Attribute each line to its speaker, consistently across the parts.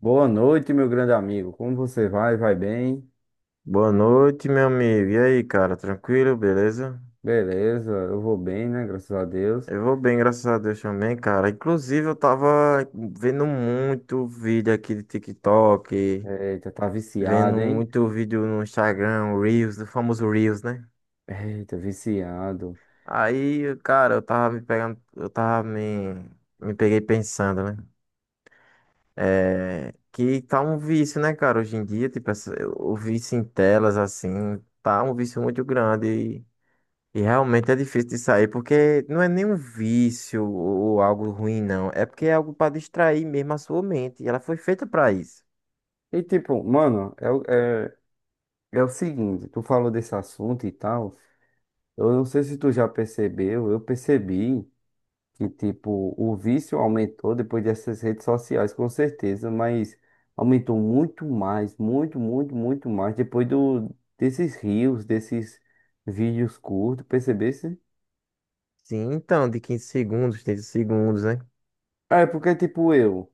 Speaker 1: Boa noite, meu grande amigo. Como você vai? Vai bem?
Speaker 2: Boa noite, meu amigo. E aí, cara? Tranquilo, beleza?
Speaker 1: Beleza, eu vou bem, né? Graças a Deus.
Speaker 2: Eu vou bem, graças a Deus também, cara. Inclusive, eu tava vendo muito vídeo aqui de TikTok,
Speaker 1: Eita, tá
Speaker 2: vendo
Speaker 1: viciado, hein?
Speaker 2: muito vídeo no Instagram, o Reels, o famoso Reels, né?
Speaker 1: Eita, viciado.
Speaker 2: Aí, cara, eu tava me pegando, eu tava me, me peguei pensando, né? Que tá um vício, né, cara? Hoje em dia, tipo, o vício em telas, assim, tá um vício muito grande. E realmente é difícil de sair, porque não é nenhum vício ou algo ruim, não. É porque é algo para distrair mesmo a sua mente. E ela foi feita para isso.
Speaker 1: E tipo, mano, é, o seguinte, tu falou desse assunto e tal. Eu não sei se tu já percebeu, eu percebi que, tipo, o vício aumentou depois dessas redes sociais, com certeza, mas aumentou muito mais, muito, muito, muito mais depois desses vídeos curtos, percebesse?
Speaker 2: Sim, então, de 15 segundos, 30 segundos, né?
Speaker 1: É, porque, tipo, eu,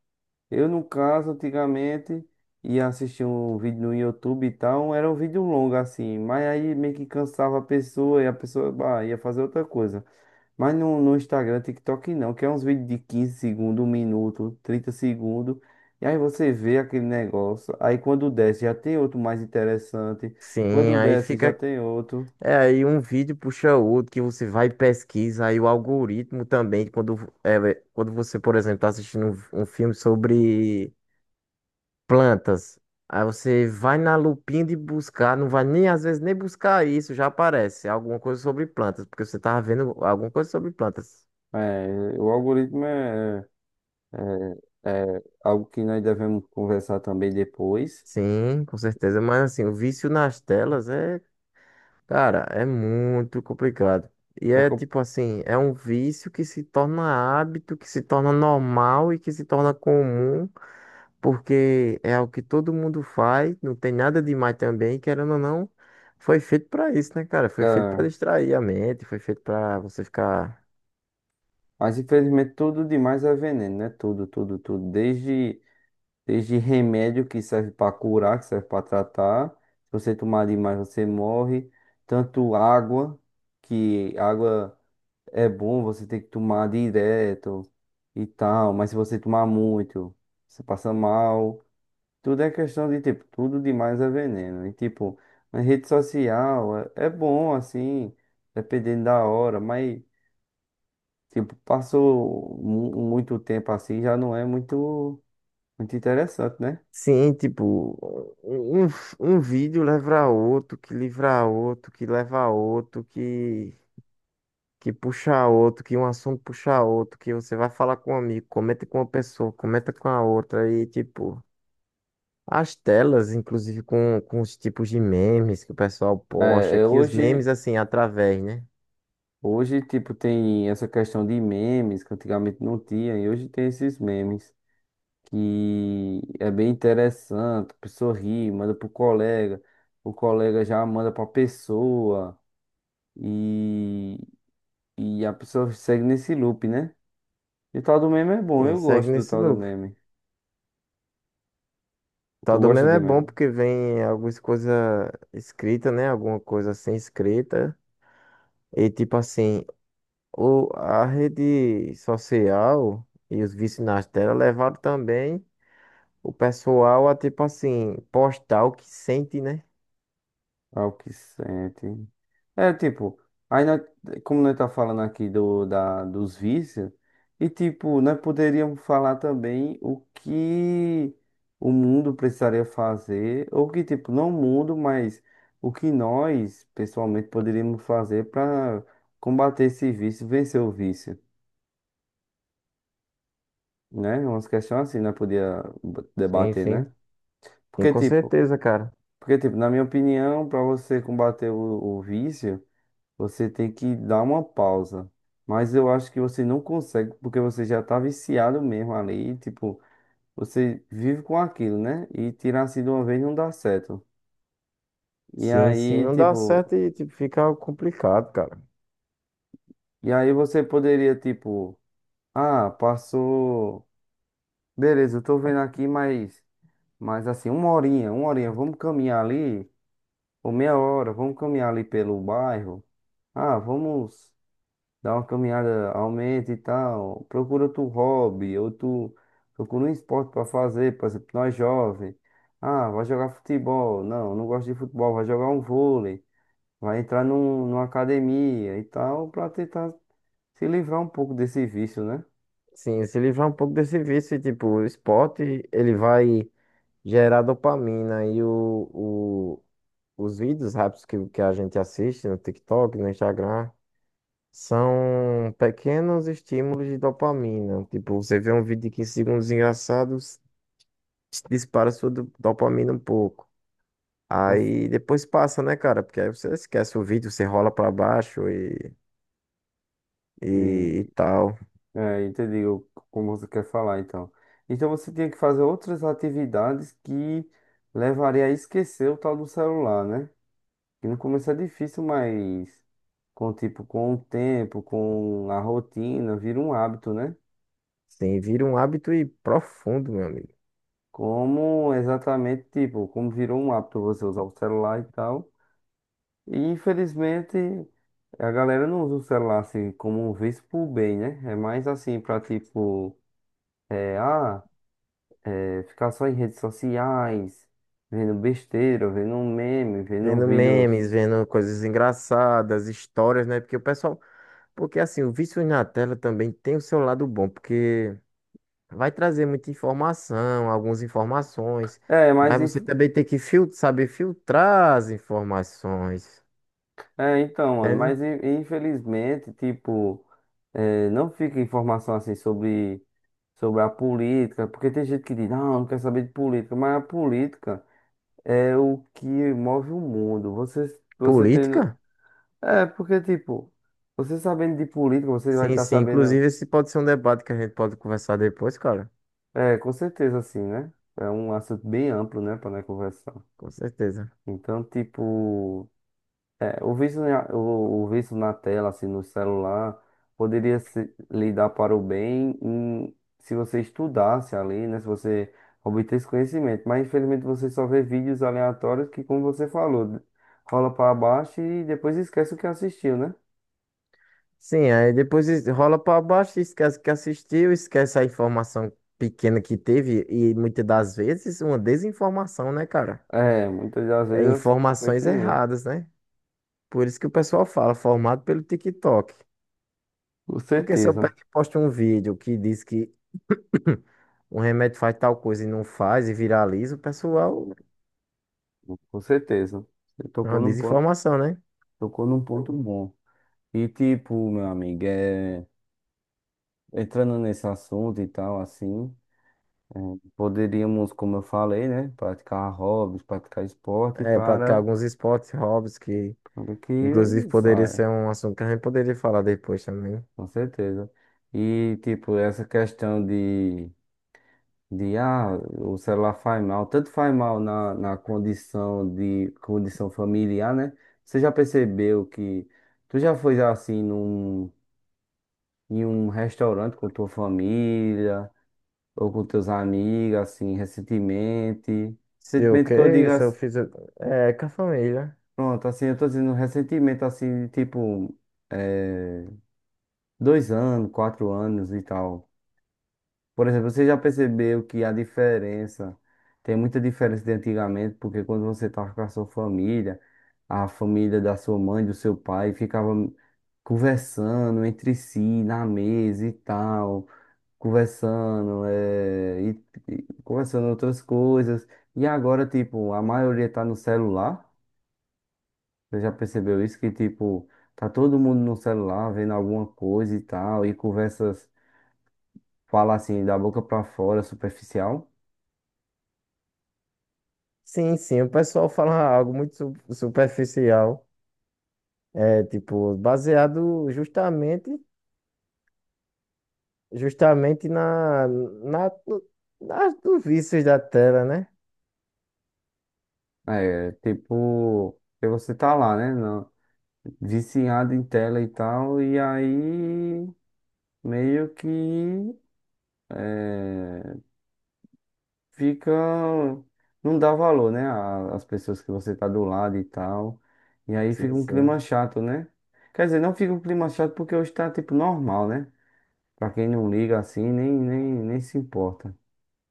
Speaker 1: eu no caso, antigamente, ia assistir um vídeo no YouTube e tal, era um vídeo longo, assim, mas aí meio que cansava a pessoa e a pessoa, bah, ia fazer outra coisa. Mas no Instagram, TikTok não, que é uns vídeos de 15 segundos, 1 minuto, 30 segundos, e aí você vê aquele negócio, aí quando desce já tem outro mais interessante,
Speaker 2: Sim,
Speaker 1: quando
Speaker 2: aí
Speaker 1: desce já
Speaker 2: fica.
Speaker 1: tem outro.
Speaker 2: É, aí um vídeo puxa outro que você vai e pesquisa. Aí o algoritmo também, quando você, por exemplo, está assistindo um filme sobre plantas. Aí você vai na lupinha de buscar, não vai nem às vezes nem buscar isso, já aparece alguma coisa sobre plantas, porque você tava vendo alguma coisa sobre plantas.
Speaker 1: É, o algoritmo é, é algo que nós devemos conversar também depois.
Speaker 2: Sim, com certeza, mas assim, o vício nas telas é, cara, é muito complicado. E
Speaker 1: É
Speaker 2: é
Speaker 1: com-.
Speaker 2: tipo assim, é um vício que se torna hábito, que se torna normal e que se torna comum. Porque é algo que todo mundo faz, não tem nada demais também, querendo ou não, foi feito pra isso, né, cara? Foi feito
Speaker 1: É,
Speaker 2: pra distrair a mente, foi feito pra você ficar
Speaker 1: mas infelizmente tudo demais é veneno, né? Tudo, tudo, tudo. Desde remédio que serve para curar, que serve para tratar. Se você tomar demais, você morre. Tanto água, que água é bom, você tem que tomar direto e tal. Mas se você tomar muito, você passa mal. Tudo é questão de, tipo, tudo demais é veneno. E, tipo, na rede social é bom, assim, dependendo da hora, mas, tipo, passou muito tempo assim, já não é muito, muito interessante, né?
Speaker 2: sim, tipo, um, um um vídeo leva a outro, que livra a outro, que leva a outro, que puxa a outro, que um assunto puxa a outro, que você vai falar com um amigo, comenta com uma pessoa, comenta com a outra e tipo as telas, inclusive com os tipos de memes que o pessoal posta,
Speaker 1: É
Speaker 2: que os memes,
Speaker 1: hoje,
Speaker 2: assim, através, né?
Speaker 1: hoje, tipo, tem essa questão de memes, que antigamente não tinha, e hoje tem esses memes, que é bem interessante, a pessoa ri, manda pro colega, o colega já manda pra pessoa. E E a pessoa segue nesse loop, né? E o tal do meme é bom,
Speaker 2: E
Speaker 1: eu
Speaker 2: segue
Speaker 1: gosto do
Speaker 2: nesse
Speaker 1: tal do
Speaker 2: loop.
Speaker 1: meme. Tu
Speaker 2: Tal do
Speaker 1: gosta
Speaker 2: meme
Speaker 1: de
Speaker 2: é bom
Speaker 1: meme?
Speaker 2: porque vem algumas coisas escritas, né? Alguma coisa sem escrita. E tipo assim, a rede social e os vícios nas telas levaram também o pessoal a tipo assim, postar o que sente, né?
Speaker 1: Ao que sente. É, tipo, aí como nós tá falando aqui dos vícios, e tipo, nós poderíamos falar também o que o mundo precisaria fazer, ou que, tipo, não o mundo, mas o que nós, pessoalmente, poderíamos fazer para combater esse vício, vencer o vício, né? Umas questões assim, nós podia
Speaker 2: Sim,
Speaker 1: debater,
Speaker 2: sim.
Speaker 1: né?
Speaker 2: Sim,
Speaker 1: Porque,
Speaker 2: com
Speaker 1: tipo,
Speaker 2: certeza, cara.
Speaker 1: porque, tipo, na minha opinião, para você combater o vício, você tem que dar uma pausa. Mas eu acho que você não consegue, porque você já tá viciado mesmo ali, tipo, você vive com aquilo, né? E tirar assim de uma vez não dá certo. E
Speaker 2: Sim, sim,
Speaker 1: aí,
Speaker 2: não dá
Speaker 1: tipo,
Speaker 2: certo e tipo, fica complicado, cara.
Speaker 1: e aí você poderia, tipo, ah, passou. Beleza, eu tô vendo aqui, mas assim, uma horinha, vamos caminhar ali, ou meia hora, vamos caminhar ali pelo bairro. Ah, vamos. Dá uma caminhada, aumenta e tal. Procura outro hobby, ou tu procura um esporte pra fazer, por exemplo, nós jovens. Ah, vai jogar futebol. Não, não gosto de futebol, vai jogar um vôlei. Vai entrar numa academia e tal, pra tentar se livrar um pouco desse vício, né?
Speaker 2: Sim, se livrar um pouco desse vício, e, tipo, o esporte, ele vai gerar dopamina e o, os vídeos rápidos que a gente assiste no TikTok, no Instagram, são pequenos estímulos de dopamina. Tipo, você vê um vídeo de 15 segundos engraçado, dispara sua dopamina um pouco.
Speaker 1: Cons-.
Speaker 2: Aí depois passa, né, cara? Porque aí você esquece o vídeo, você rola pra baixo e, e
Speaker 1: E,
Speaker 2: tal.
Speaker 1: entendi como você quer falar, então. Então você tinha que fazer outras atividades que levaria a esquecer o tal do celular, né? Que no começo é difícil, mas. Com tipo, com o tempo, com a rotina, vira um hábito, né?
Speaker 2: Sim, vira um hábito e profundo, meu amigo.
Speaker 1: Como exatamente, tipo, como virou um hábito você usar o celular e tal. E infelizmente a galera não usa o celular assim como um vício pro bem, né? É mais assim pra tipo, é, ah, ficar só em redes sociais, vendo besteira, vendo um meme, vendo
Speaker 2: Vendo
Speaker 1: vídeos.
Speaker 2: memes, vendo coisas engraçadas, histórias, né? Porque o pessoal. Porque assim, o vício na tela também tem o seu lado bom, porque vai trazer muita informação, algumas informações,
Speaker 1: É, mas.
Speaker 2: mas você também tem que saber filtrar as informações,
Speaker 1: É, então, mano,
Speaker 2: entende?
Speaker 1: mas infelizmente, tipo, eh, não fica informação assim sobre a política, porque tem gente que diz, não, não quer saber de política, mas a política é o que move o mundo. Você tendo.
Speaker 2: Política?
Speaker 1: É, porque, tipo, você sabendo de política, você vai
Speaker 2: Sim,
Speaker 1: estar
Speaker 2: sim.
Speaker 1: sabendo.
Speaker 2: Inclusive, esse pode ser um debate que a gente pode conversar depois, cara.
Speaker 1: É, com certeza, assim, né? É um assunto bem amplo, né, para nós conversar.
Speaker 2: Com certeza.
Speaker 1: Então, tipo. É, o vício, o vício na tela, assim, no celular, poderia se, lhe dar para o bem em- se você estudasse ali, né? Se você obtesse conhecimento. Mas, infelizmente, você só vê vídeos aleatórios que, como você falou, rola para baixo e depois esquece o que assistiu, né?
Speaker 2: Sim, aí depois rola pra baixo, esquece que assistiu, esquece a informação pequena que teve e muitas das vezes uma desinformação, né, cara?
Speaker 1: É, muitas das
Speaker 2: É
Speaker 1: vezes foi
Speaker 2: informações
Speaker 1: que nem eu.
Speaker 2: erradas, né? Por isso que o pessoal fala, formado pelo TikTok.
Speaker 1: Com
Speaker 2: Porque se eu
Speaker 1: certeza,
Speaker 2: pego e posto um vídeo que diz que um remédio faz tal coisa e não faz e viraliza, o pessoal
Speaker 1: com certeza. Você
Speaker 2: é uma desinformação, né?
Speaker 1: tocou num ponto bom. E, tipo, meu amigo, é, entrando nesse assunto e tal, assim. Poderíamos, como eu falei, né? Praticar hobbies, praticar esporte
Speaker 2: É, praticar
Speaker 1: para
Speaker 2: alguns esportes, hobbies que,
Speaker 1: o
Speaker 2: inclusive,
Speaker 1: que
Speaker 2: poderia
Speaker 1: saia,
Speaker 2: ser um assunto que a gente poderia falar depois também.
Speaker 1: com certeza. E, tipo, essa questão de o celular faz mal, tanto faz mal na condição de condição familiar, né? Você já percebeu que tu já foi assim em um restaurante com tua família ou com teus amigos, assim, recentemente? Recentemente que eu diga.
Speaker 2: Se eu fiz. É, com a família.
Speaker 1: Pronto, assim, eu tô dizendo recentemente, assim, tipo, eh, 2 anos, 4 anos e tal. Por exemplo, você já percebeu que a diferença, tem muita diferença de antigamente, porque quando você tava com a sua família, a família da sua mãe, do seu pai, ficava conversando entre si, na mesa e tal, conversando, e conversando outras coisas. E agora, tipo, a maioria tá no celular. Você já percebeu isso? Que, tipo, tá todo mundo no celular vendo alguma coisa e tal, e conversas, fala assim, da boca pra fora, superficial.
Speaker 2: Sim, sim, o pessoal fala algo muito superficial. É, tipo, justamente nos vícios da tela, né?
Speaker 1: É, tipo, que você tá lá, né? Na- viciado em tela e tal, e aí meio que é, fica. Não dá valor, né? A- As pessoas que você tá do lado e tal. E aí fica
Speaker 2: Sim,
Speaker 1: um clima
Speaker 2: sim.
Speaker 1: chato, né? Quer dizer, não fica um clima chato porque hoje tá, tipo, normal, né? Pra quem não liga assim, nem, nem, nem se importa.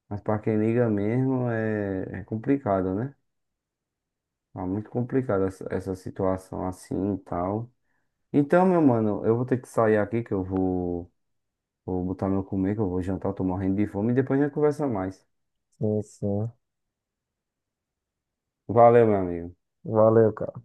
Speaker 1: Mas pra quem liga mesmo, é complicado, né? Tá muito complicado essa situação assim e tal. Então, meu mano, eu vou ter que sair aqui, que eu vou botar meu comer, que eu vou jantar, eu tô morrendo de fome, e depois a gente conversa mais.
Speaker 2: Sim, sim.
Speaker 1: Valeu, meu amigo.
Speaker 2: Valeu, cara.